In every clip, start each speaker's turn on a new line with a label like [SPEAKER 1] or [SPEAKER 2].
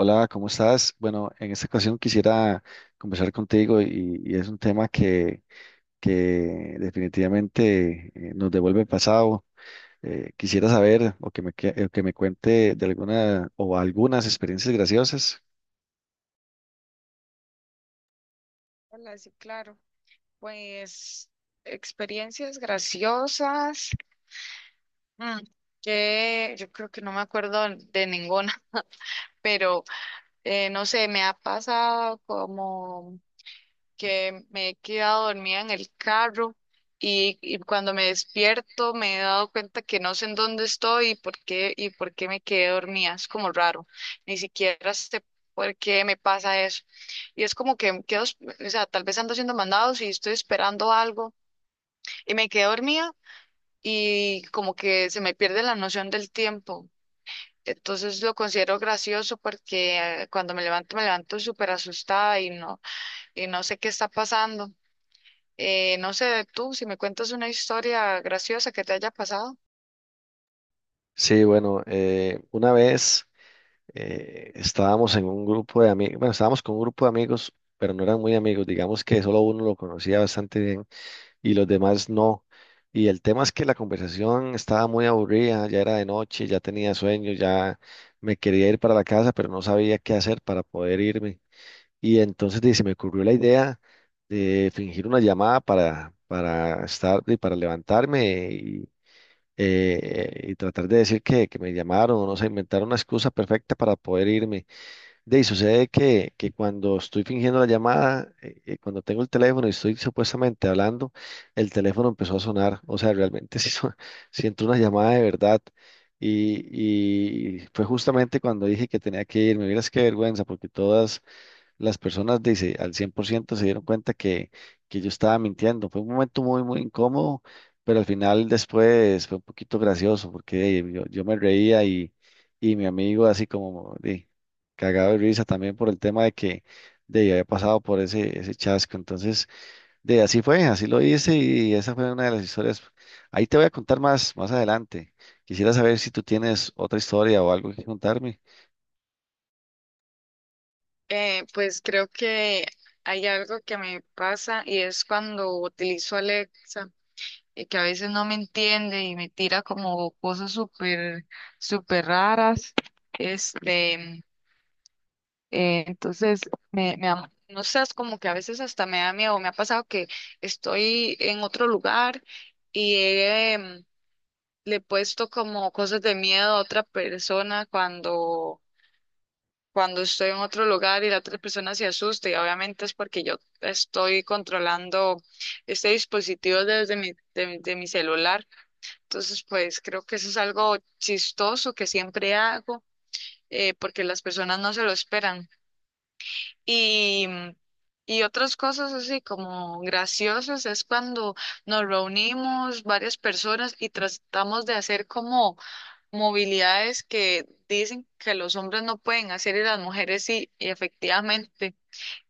[SPEAKER 1] Hola, ¿cómo estás? Bueno, en esta ocasión quisiera conversar contigo y es un tema que definitivamente nos devuelve el pasado. Quisiera saber o que me cuente de alguna o algunas experiencias graciosas.
[SPEAKER 2] Hola, sí, claro. Pues experiencias graciosas. mm, que yo creo que no me acuerdo de ninguna, pero no sé, me ha pasado como que me he quedado dormida en el carro y cuando me despierto me he dado cuenta que no sé en dónde estoy y por qué me quedé dormida. Es como raro. Ni siquiera sé por qué me pasa eso. Y es como que quedo, o sea, tal vez ando haciendo mandados y estoy esperando algo y me quedé dormida y como que se me pierde la noción del tiempo. Entonces lo considero gracioso porque cuando me levanto súper asustada y no sé qué está pasando. No sé tú, si me cuentas una historia graciosa que te haya pasado.
[SPEAKER 1] Sí, bueno, una vez estábamos en un grupo de amigos, bueno, estábamos con un grupo de amigos, pero no eran muy amigos, digamos que solo uno lo conocía bastante bien y los demás no. Y el tema es que la conversación estaba muy aburrida, ya era de noche, ya tenía sueño, ya me quería ir para la casa, pero no sabía qué hacer para poder irme. Y entonces di, se me ocurrió la idea de fingir una llamada para estar y para levantarme y tratar de decir que me llamaron, o no sé, inventar una excusa perfecta para poder irme. De ahí sucede que cuando estoy fingiendo la llamada, cuando tengo el teléfono y estoy supuestamente hablando, el teléfono empezó a sonar. O sea, realmente sí, sí entró una llamada de verdad. Y fue justamente cuando dije que tenía que irme. Miras qué vergüenza, porque todas las personas dice, al 100% se dieron cuenta que yo estaba mintiendo. Fue un momento muy, muy incómodo, pero al final después fue un poquito gracioso porque yo me reía y mi amigo así como cagado de risa también por el tema de que había pasado por ese chasco. Entonces, de así fue, así lo hice y esa fue una de las historias. Ahí te voy a contar más adelante. Quisiera saber si tú tienes otra historia o algo que contarme.
[SPEAKER 2] Pues creo que hay algo que me pasa y es cuando utilizo Alexa y que a veces no me entiende y me tira como cosas súper, súper raras. Este, entonces, no sé, es como que a veces hasta me da miedo. Me ha pasado que estoy en otro lugar y le he puesto como cosas de miedo a otra persona cuando estoy en otro lugar y la otra persona se asusta. Y obviamente es porque yo estoy controlando este dispositivo desde mi, de, mi de mi celular. Entonces, pues creo que eso es algo chistoso que siempre hago, porque las personas no se lo esperan. Y, y otras cosas así como graciosas es cuando nos reunimos varias personas y tratamos de hacer como movilidades que dicen que los hombres no pueden hacer y las mujeres sí, y efectivamente,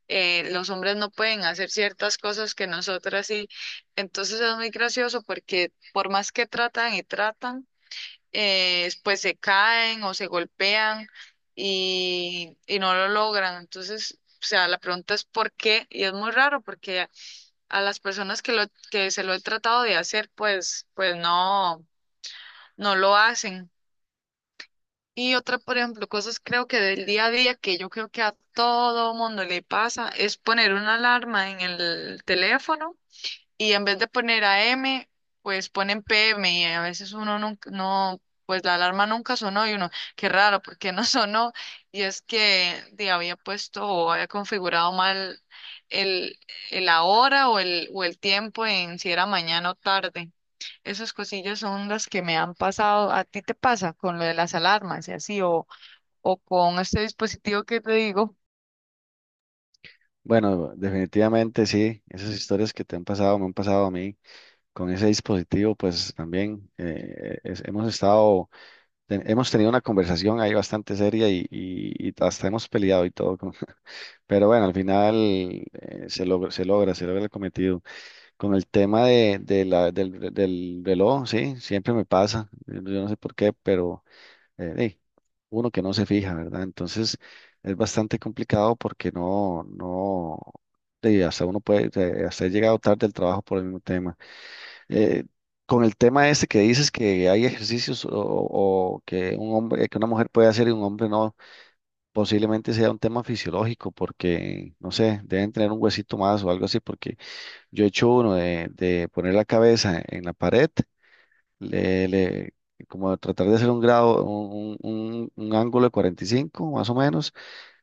[SPEAKER 2] los hombres no pueden hacer ciertas cosas que nosotras sí. Entonces es muy gracioso porque por más que tratan y tratan, pues se caen o se golpean y no lo logran. Entonces, o sea, la pregunta es por qué, y es muy raro porque a las personas que se lo he tratado de hacer, pues no lo hacen. Y otra, por ejemplo, cosas creo que del día a día que yo creo que a todo mundo le pasa es poner una alarma en el teléfono y en vez de poner a m pues ponen PM y a veces uno nunca, no, pues la alarma nunca sonó y uno, qué raro, ¿por qué no sonó? Y es que di, había puesto o había configurado mal el, el la hora o el tiempo en si era mañana o tarde. Esas cosillas son las que me han pasado. ¿A ti te pasa con lo de las alarmas y así, o con este dispositivo que te digo?
[SPEAKER 1] Bueno, definitivamente sí, esas historias que te han pasado me han pasado a mí con ese dispositivo, pues también hemos estado, hemos tenido una conversación ahí bastante seria y hasta hemos peleado y todo, pero bueno, al final se logra el cometido. Con el tema de del reloj, sí, siempre me pasa, yo no sé por qué, pero eh, eh, uno que no se fija, ¿verdad? Entonces es bastante complicado porque no, no, de, hasta uno puede, hasta he llegado tarde del trabajo por el mismo tema. Eh, con el tema este que dices que hay ejercicios o que un hombre, que una mujer puede hacer y un hombre no, posiblemente sea un tema fisiológico porque, no sé, deben tener un huesito más o algo así, porque yo he hecho uno de poner la cabeza en la pared le, le- como tratar de hacer un ángulo de 45 más o menos,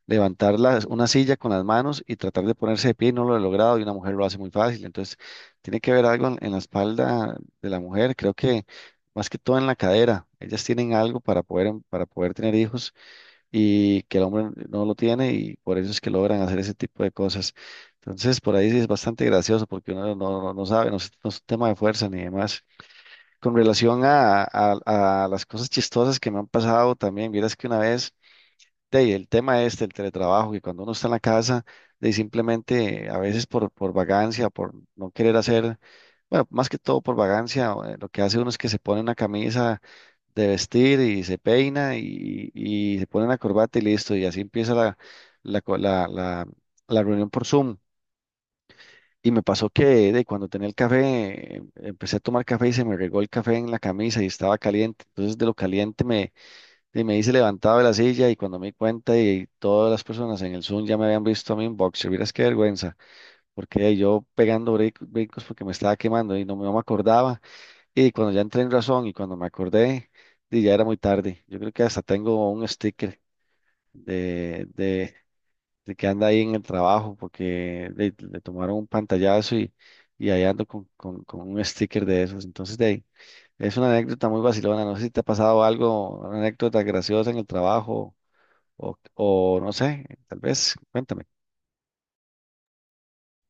[SPEAKER 1] una silla con las manos y tratar de ponerse de pie, y no lo he logrado y una mujer lo hace muy fácil, entonces tiene que haber algo en la espalda de la mujer, creo que más que todo en la cadera, ellas tienen algo para poder, para poder tener hijos y que el hombre no lo tiene y por eso es que logran hacer ese tipo de cosas. Entonces, por ahí sí es bastante gracioso porque uno no sabe, no es un tema de fuerza ni demás. Con relación a las cosas chistosas que me han pasado también, vieras que una vez, de ahí, el tema este, el teletrabajo, que cuando uno está en la casa, de ahí, simplemente a veces por vagancia, por no querer hacer, bueno, más que todo por vagancia, lo que hace uno es que se pone una camisa de vestir y se peina y se pone una corbata y listo, y así empieza la, la, co- la, la la reunión por Zoom. Y me pasó que de cuando tenía el café, empecé a tomar café y se me regó el café en la camisa y estaba caliente. Entonces de lo caliente me hice levantado de la silla y cuando me di cuenta y todas las personas en el Zoom ya me habían visto a mí en boxer. Vieras qué vergüenza, porque yo pegando brincos porque me estaba quemando y no me acordaba. Y cuando ya entré en razón y cuando me acordé, di, ya era muy tarde. Yo creo que hasta tengo un sticker de, de que anda ahí en el trabajo porque le tomaron un pantallazo y ahí ando con un sticker de esos. Entonces, de ahí, es una anécdota muy vacilona. No sé si te ha pasado algo, una anécdota graciosa en el trabajo o no sé, tal vez, cuéntame.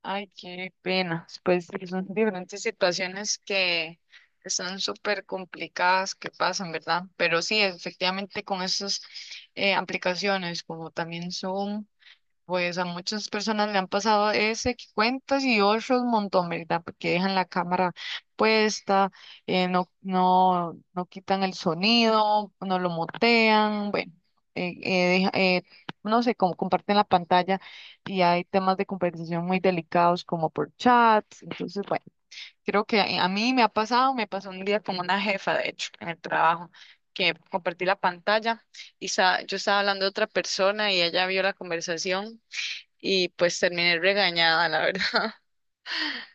[SPEAKER 2] Ay, qué pena. Pues sí, son diferentes situaciones que están súper complicadas que pasan, ¿verdad? Pero sí, efectivamente con esas aplicaciones como también Zoom. Pues a muchas personas le han pasado ese que cuentas y otros un montón, ¿verdad? Porque dejan la cámara puesta, no quitan el sonido, no lo mutean, bueno, eh, eh, deja- eh, no sé, como comparten la pantalla y hay temas de conversación muy delicados como por chats. Entonces, bueno, creo que a mí me ha pasado, me pasó un día con una jefa, de hecho, en el trabajo, que compartí la pantalla y yo estaba hablando de otra persona y ella vio la conversación y pues terminé regañada, la verdad.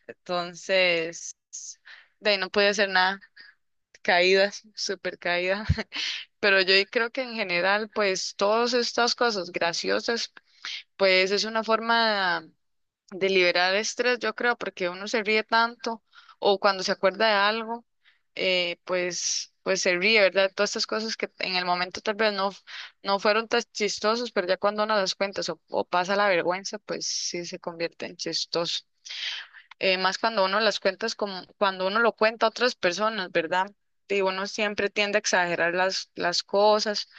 [SPEAKER 2] Entonces, de ahí no pude hacer nada. Caídas, súper caída. Pero yo creo que en general, pues todas estas cosas graciosas, pues es una forma de liberar estrés, yo creo, porque uno se ríe tanto o cuando se acuerda de algo, pues se ríe, ¿verdad? Todas estas cosas que en el momento tal vez no fueron tan chistosas, pero ya cuando uno las cuenta o pasa la vergüenza, pues sí se convierte en chistoso. Más cuando uno las cuentas como cuando uno lo cuenta a otras personas, ¿verdad? Y uno siempre tiende a exagerar las cosas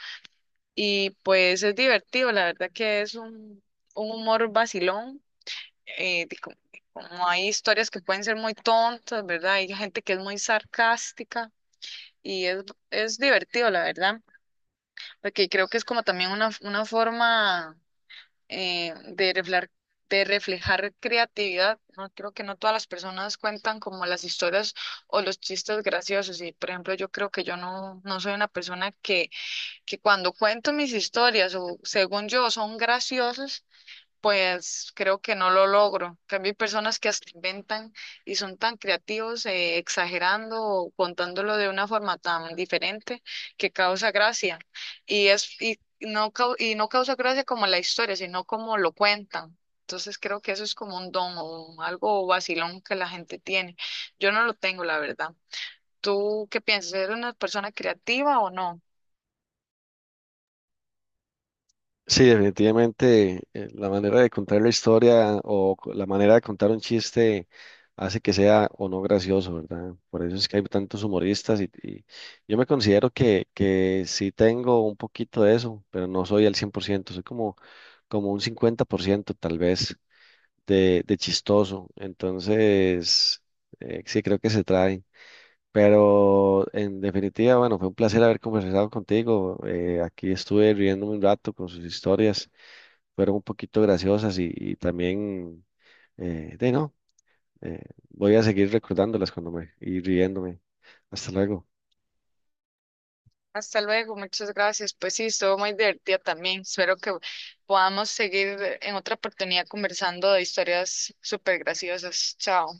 [SPEAKER 2] y pues es divertido, la verdad que es un humor vacilón, de como, como hay historias que pueden ser muy tontas, ¿verdad? Hay gente que es muy sarcástica y es, es divertido, la verdad, porque creo que es como también una forma eh, de reflejar, de reflejar creatividad. No creo que no todas las personas cuentan como las historias o los chistes graciosos. Y por ejemplo, yo creo que yo no soy una persona que cuando cuento mis historias o según yo son graciosos, pues creo que no lo logro. También hay personas que hasta inventan y son tan creativos, exagerando o contándolo de una forma tan diferente que causa gracia. Y no causa gracia como la historia, sino como lo cuentan. Entonces creo que eso es como un don o algo vacilón que la gente tiene. Yo no lo tengo, la verdad. ¿Tú qué piensas? ¿Eres una persona creativa o no?
[SPEAKER 1] Sí, definitivamente la manera de contar la historia o la manera de contar un chiste hace que sea o no gracioso, ¿verdad? Por eso es que hay tantos humoristas y yo me considero que sí tengo un poquito de eso, pero no soy al 100%. Soy como, como un 50% tal vez de chistoso. Entonces, sí creo que se trae. Pero en definitiva, bueno, fue un placer haber conversado contigo. Aquí estuve riéndome un rato con sus historias, fueron un poquito graciosas y también, de no, eh, voy a seguir recordándolas cuando me y riéndome. Hasta luego.
[SPEAKER 2] Hasta luego, muchas gracias. Pues sí, estuvo muy divertida también. Espero que podamos seguir en otra oportunidad conversando de historias súper graciosas. Chao.